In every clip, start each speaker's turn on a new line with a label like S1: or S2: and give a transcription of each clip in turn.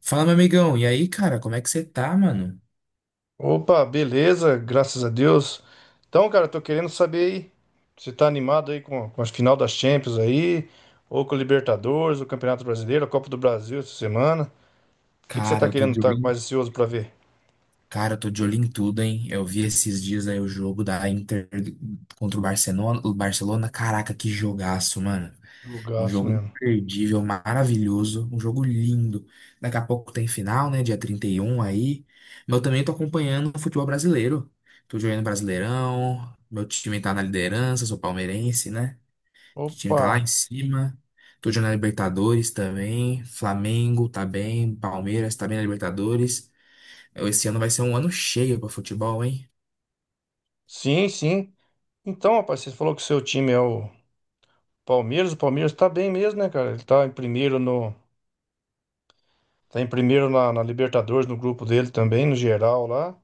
S1: Fala, meu amigão. E aí, cara, como é que você tá, mano?
S2: Opa, beleza, graças a Deus. Então, cara, tô querendo saber aí, você tá animado aí com a final das Champions aí, ou com o Libertadores, o Campeonato Brasileiro, a Copa do Brasil essa semana. O que que você
S1: Cara,
S2: tá
S1: eu tô
S2: querendo
S1: de olho
S2: estar mais
S1: em...
S2: ansioso pra ver?
S1: Cara, eu tô de olho em tudo, hein? Eu vi esses dias aí o jogo da Inter contra o Barcelona. O Barcelona, caraca, que jogaço, mano. Um
S2: Jogaço
S1: jogo
S2: mesmo.
S1: imperdível, maravilhoso, um jogo lindo. Daqui a pouco tem final, né? Dia 31 aí. Mas eu também tô acompanhando o futebol brasileiro. Tô jogando Brasileirão, meu time tá na liderança, sou palmeirense, né? O time tá lá
S2: Opa,
S1: em cima. Tô jogando na Libertadores também. Flamengo tá bem. Palmeiras tá bem na Libertadores. É, esse ano vai ser um ano cheio pra futebol, hein?
S2: sim, sim. Então, rapaz, você falou que o seu time é o Palmeiras tá bem mesmo, né, cara? Ele tá em primeiro no, tá em primeiro na Libertadores, no grupo dele também, no geral lá.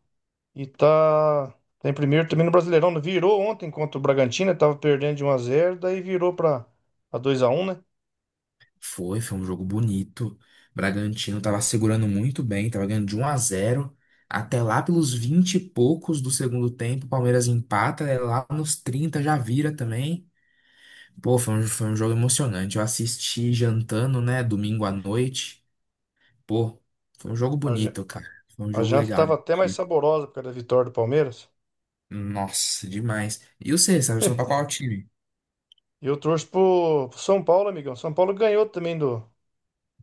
S2: E tá, tá em primeiro também no Brasileirão, né? Virou ontem contra o Bragantino, tava perdendo de um a zero, daí virou pra a 2 a um, né?
S1: Foi um jogo bonito. Bragantino tava segurando muito bem, tava ganhando de 1 a 0 até lá pelos 20 e poucos do segundo tempo. O Palmeiras empata, é lá nos 30 já vira também. Pô, foi um jogo emocionante. Eu assisti jantando, né, domingo à noite. Pô, foi um jogo
S2: A, ja-
S1: bonito, cara. Foi um
S2: a
S1: jogo
S2: janta
S1: legal.
S2: tava até mais saborosa por causa da vitória do Palmeiras.
S1: Nossa, demais. E você, você tá torcendo pra qual time?
S2: E eu torço pro São Paulo, amigão. São Paulo ganhou também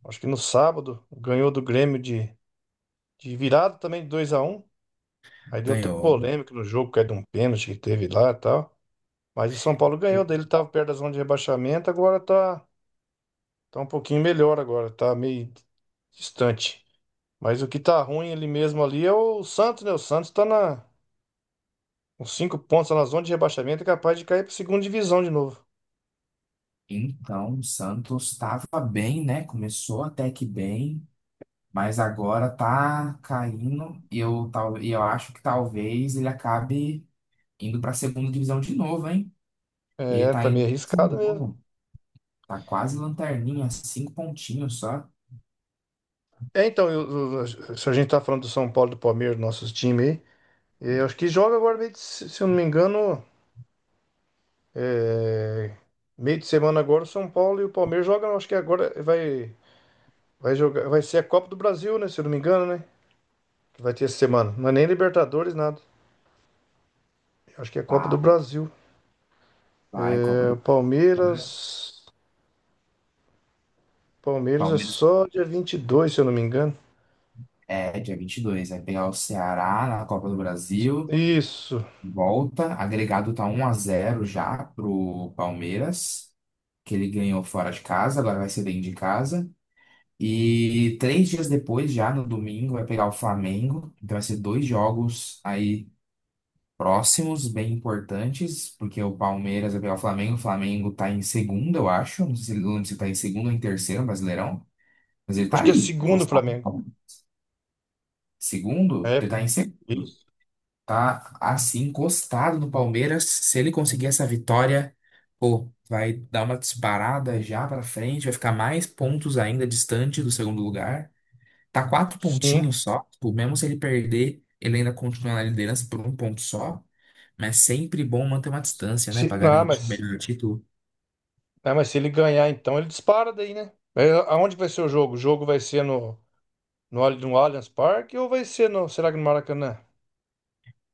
S2: acho que no sábado, ganhou do Grêmio de virada também de 2 a um. Aí deu até
S1: Ganhou.
S2: polêmica no jogo, caiu de um pênalti que teve lá e tal. Mas o São Paulo ganhou, daí ele tava perto da zona de rebaixamento, tá um pouquinho melhor agora, tá meio distante. Mas o que tá ruim ele mesmo ali é o Santos, né? O Santos tá na, Com cinco pontos tá na zona de rebaixamento, é capaz de cair pra segunda divisão de novo.
S1: Então, o Santos estava bem, né? Começou até que bem, mas agora tá caindo e eu, tal, e eu acho que talvez ele acabe indo para a segunda divisão de novo, hein? Ele
S2: É,
S1: tá
S2: tá
S1: em
S2: meio arriscado mesmo.
S1: 19º, tá quase lanterninha, 5 pontinhos só.
S2: É, então, se a gente tá falando do São Paulo, do Palmeiras, nossos times aí, é, eu acho que joga agora, se eu não me engano, é, meio de semana agora, o São Paulo e o Palmeiras jogam, acho que vai jogar, vai ser a Copa do Brasil, né? Se eu não me engano, né? Que vai ter essa semana. Não é nem Libertadores, nada. Eu acho que é a Copa do
S1: Vai,
S2: Brasil.
S1: vai, Copa
S2: É, o
S1: do Palmeiras.
S2: Palmeiras. Palmeiras é
S1: Palmeiras
S2: só dia 22, se eu não me engano.
S1: é dia 22, vai pegar o Ceará na Copa do Brasil.
S2: Isso.
S1: Volta, agregado tá 1 a 0 já pro Palmeiras, que ele ganhou fora de casa, agora vai ser dentro de casa. E 3 dias depois, já no domingo, vai pegar o Flamengo. Então vai ser dois jogos aí próximos, bem importantes, porque o Palmeiras vai pegar o Flamengo. O Flamengo tá em segundo, eu acho. Não sei se tá em segundo ou em terceiro, Brasileirão, mas ele tá
S2: Acho que é
S1: ali,
S2: segundo o
S1: encostado.
S2: Flamengo.
S1: Segundo,
S2: É.
S1: ele tá em segundo.
S2: Isso.
S1: Tá assim encostado no Palmeiras. Se ele conseguir essa vitória, pô, vai dar uma disparada já pra frente, vai ficar mais pontos ainda distante do segundo lugar. Tá quatro
S2: Sim.
S1: pontinhos só, tipo, mesmo se ele perder, ele ainda continua na liderança por um ponto só. Mas sempre bom manter uma distância,
S2: Se,
S1: né, pra garantir o melhor título.
S2: ah, mas se ele ganhar, então ele dispara daí, né? É, aonde vai ser o jogo? O jogo vai ser no Allianz Parque ou vai ser no. Será que no Maracanã?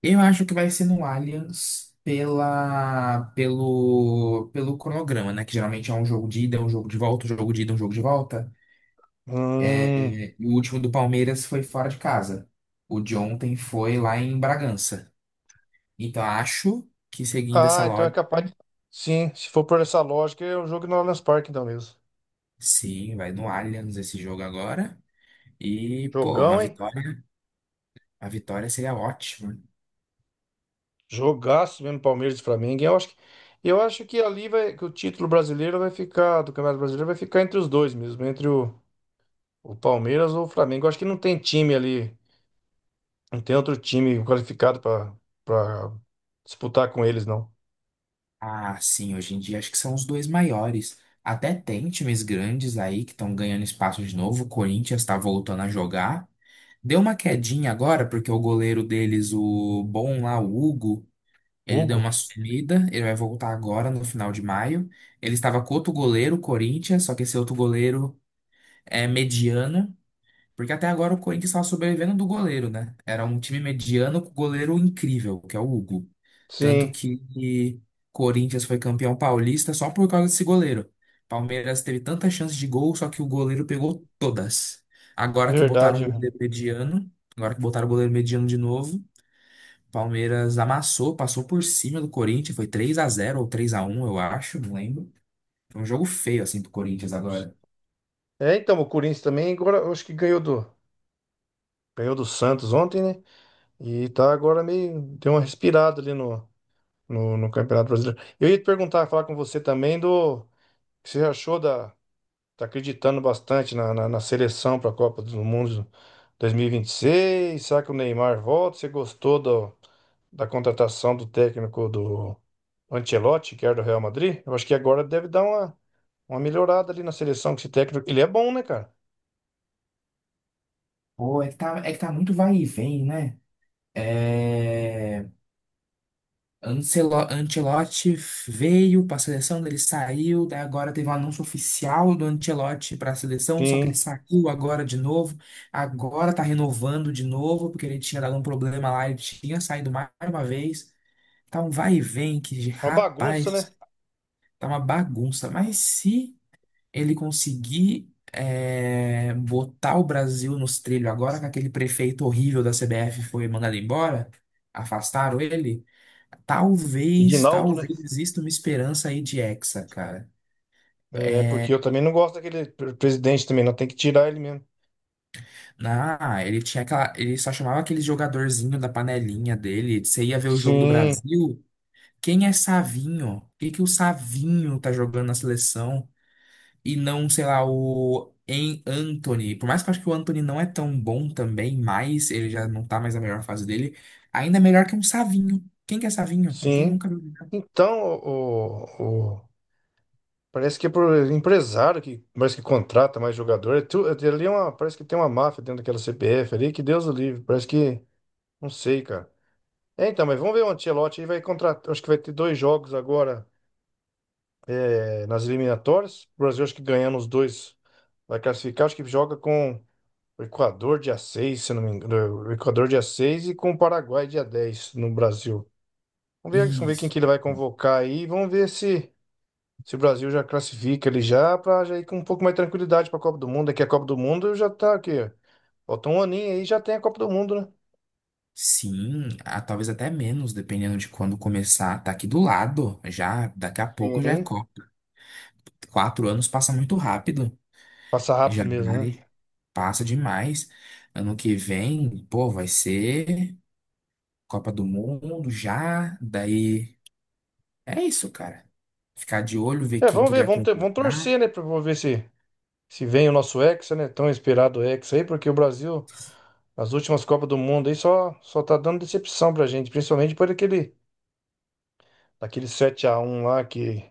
S1: Eu acho que vai ser no Allianz pela pelo pelo cronograma, né, que geralmente é um jogo de ida, um jogo de volta, um jogo de ida, um jogo de volta.
S2: Hum.
S1: É, e o último do Palmeiras foi fora de casa. O de ontem foi lá em Bragança. Então acho que seguindo essa
S2: Ah, então é
S1: lógica,
S2: capaz de. Sim, se for por essa lógica, é o jogo no Allianz Parque, então mesmo.
S1: sim, vai no Allianz esse jogo agora. E, pô, uma
S2: Jogão, hein?
S1: vitória, a vitória seria ótima.
S2: Jogaço mesmo Palmeiras e Flamengo. Eu acho que ali vai, que o título brasileiro vai ficar, do Campeonato Brasileiro vai ficar entre os dois mesmo, o Palmeiras ou o Flamengo. Eu acho que não tem time ali, não tem outro time qualificado para disputar com eles, não.
S1: Ah, sim, hoje em dia acho que são os dois maiores. Até tem times grandes aí que estão ganhando espaço de novo. O Corinthians está voltando a jogar. Deu uma quedinha agora, porque o goleiro deles, o bom lá, o Hugo. Ele deu
S2: Hugo?
S1: uma sumida, ele vai voltar agora no final de maio. Ele estava com outro goleiro, o Corinthians, só que esse outro goleiro é mediano, porque até agora o Corinthians estava sobrevivendo do goleiro, né? Era um time mediano com goleiro incrível, que é o Hugo. Tanto
S2: Sim,
S1: que Corinthians foi campeão paulista só por causa desse goleiro. Palmeiras teve tantas chances de gol, só que o goleiro pegou todas. Agora que botaram um
S2: verdade.
S1: goleiro mediano, agora que botaram o goleiro mediano de novo. Palmeiras amassou, passou por cima do Corinthians, foi 3 a 0 ou 3 a 1, eu acho, não lembro. Foi um jogo feio assim pro Corinthians agora.
S2: É, então, o Corinthians também, agora eu acho que ganhou ganhou do Santos ontem, né? E tá agora meio, deu uma respirada ali no, no Campeonato Brasileiro. Eu ia te perguntar, falar com você também do o que você achou da. Tá acreditando bastante na seleção para a Copa do Mundo 2026. Será que o Neymar volta? Você gostou da contratação do técnico do Ancelotti, que era do Real Madrid? Eu acho que agora deve dar uma melhorada ali na seleção, que esse técnico, ele é bom, né, cara?
S1: Pô, é que tá muito vai e vem, né? É... Ancelotti veio pra seleção, ele saiu, daí agora teve um anúncio oficial do Ancelotti pra seleção, só que ele
S2: Sim,
S1: saiu agora de novo. Agora tá renovando de novo, porque ele tinha dado um problema lá, ele tinha saído mais uma vez. Tá um vai e vem que,
S2: uma bagunça,
S1: rapaz.
S2: né?
S1: Tá uma bagunça. Mas se ele conseguir é, botar o Brasil nos trilhos agora que aquele prefeito horrível da CBF foi mandado embora, afastaram ele, talvez,
S2: Edinaldo, né?
S1: talvez exista uma esperança aí de Hexa, cara.
S2: É,
S1: É,
S2: porque eu também não gosto daquele presidente também, não tem que tirar ele mesmo.
S1: na, ele tinha aquela, ele só chamava aquele jogadorzinho da panelinha dele. Você ia ver o jogo do
S2: Sim,
S1: Brasil. Quem é Savinho? O que que o Savinho tá jogando na seleção? E não, sei lá, o em Anthony. Por mais que eu acho que o Anthony não é tão bom também, mas ele já não tá mais na melhor fase dele. Ainda é melhor que um Savinho. Quem que é Savinho? Ninguém
S2: sim.
S1: nunca viu jogar.
S2: Então, o, parece que é por empresário que parece que contrata mais jogador. Ali é uma, parece que tem uma máfia dentro daquela CBF ali, que Deus o livre. Parece que. Não sei, cara. É, então, mas vamos ver o Ancelotti aí vai contratar. Acho que vai ter dois jogos agora é, nas eliminatórias. O Brasil acho que ganhando os dois vai classificar. Acho que joga com o Equador dia 6 se não me engano. O Equador dia 6 e com o Paraguai dia 10 no Brasil. Vamos ver quem
S1: Isso.
S2: que ele vai convocar aí. Vamos ver se. Se o Brasil já classifica ele já, para já ir com um pouco mais de tranquilidade para a Copa do Mundo, é a Copa do Mundo já tá aqui, ó. Falta um aninho aí já tem a Copa do Mundo, né?
S1: Sim, ah, talvez até menos, dependendo de quando começar. Tá aqui do lado, já, daqui a pouco já é
S2: Sim,
S1: Copa. 4 anos passa muito rápido.
S2: passa
S1: Já
S2: rápido mesmo, né?
S1: vai, passa demais. Ano que vem, pô, vai ser Copa do Mundo já, daí. É isso, cara. Ficar de olho, ver
S2: É,
S1: quem que ele vai
S2: vamos
S1: contratar.
S2: torcer, né, para ver se vem o nosso Hexa, né? Tão esperado Hexa aí, porque o Brasil nas últimas Copas do Mundo aí só tá dando decepção pra gente, principalmente por aquele 7 a um lá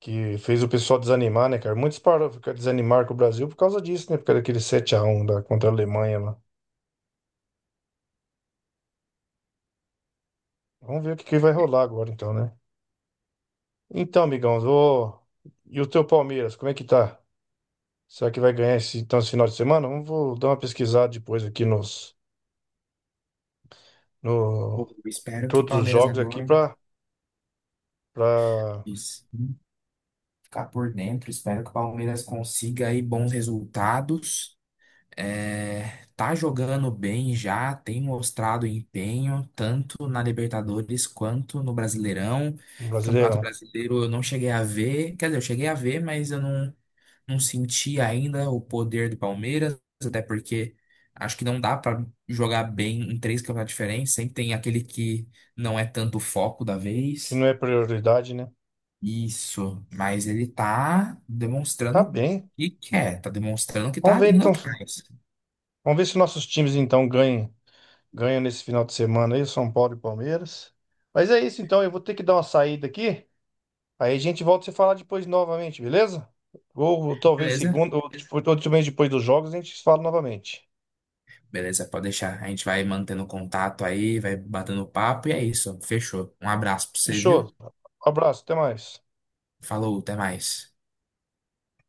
S2: que fez o pessoal desanimar, né, cara? Muitos pararam, ficaram desanimaram com o Brasil por causa disso, né? Por causa daquele 7 a um da contra a Alemanha lá. Vamos ver o que que vai rolar agora, então, né? Então, amigão, vou... e o teu Palmeiras, como é que tá? Será que vai ganhar esse, então, esse final de semana? Vamos vou dar uma pesquisada depois aqui nos,
S1: Pô,
S2: no,
S1: eu
S2: em
S1: espero que
S2: todos os
S1: Palmeiras
S2: jogos aqui
S1: agora,
S2: para
S1: isso, ficar por dentro. Espero que o Palmeiras consiga aí bons resultados. É, tá jogando bem já, tem mostrado empenho, tanto na Libertadores quanto no Brasileirão. Campeonato
S2: Brasileirão,
S1: Brasileiro eu não cheguei a ver, quer dizer, eu cheguei a ver, mas eu não, não senti ainda o poder do Palmeiras, até porque acho que não dá pra jogar bem em 3 campeonatos diferentes. Sempre tem aquele que não é tanto o foco da
S2: que não
S1: vez.
S2: é prioridade, né?
S1: Isso, mas ele tá
S2: Tá
S1: demonstrando o
S2: bem.
S1: que quer, tá demonstrando que
S2: Vamos
S1: tá
S2: ver
S1: indo
S2: então, vamos
S1: atrás.
S2: ver se nossos times então ganham, ganham nesse final de semana aí, São Paulo e Palmeiras. Mas é isso então, eu vou ter que dar uma saída aqui. Aí a gente volta a se falar depois novamente, beleza? Ou talvez
S1: Beleza?
S2: segunda, ou depois, ou mês depois dos jogos, a gente se fala novamente.
S1: Beleza, pode deixar. A gente vai mantendo contato aí, vai batendo papo e é isso. Fechou. Um abraço pra você,
S2: Fechou.
S1: viu?
S2: Abraço, até mais.
S1: Falou, até mais.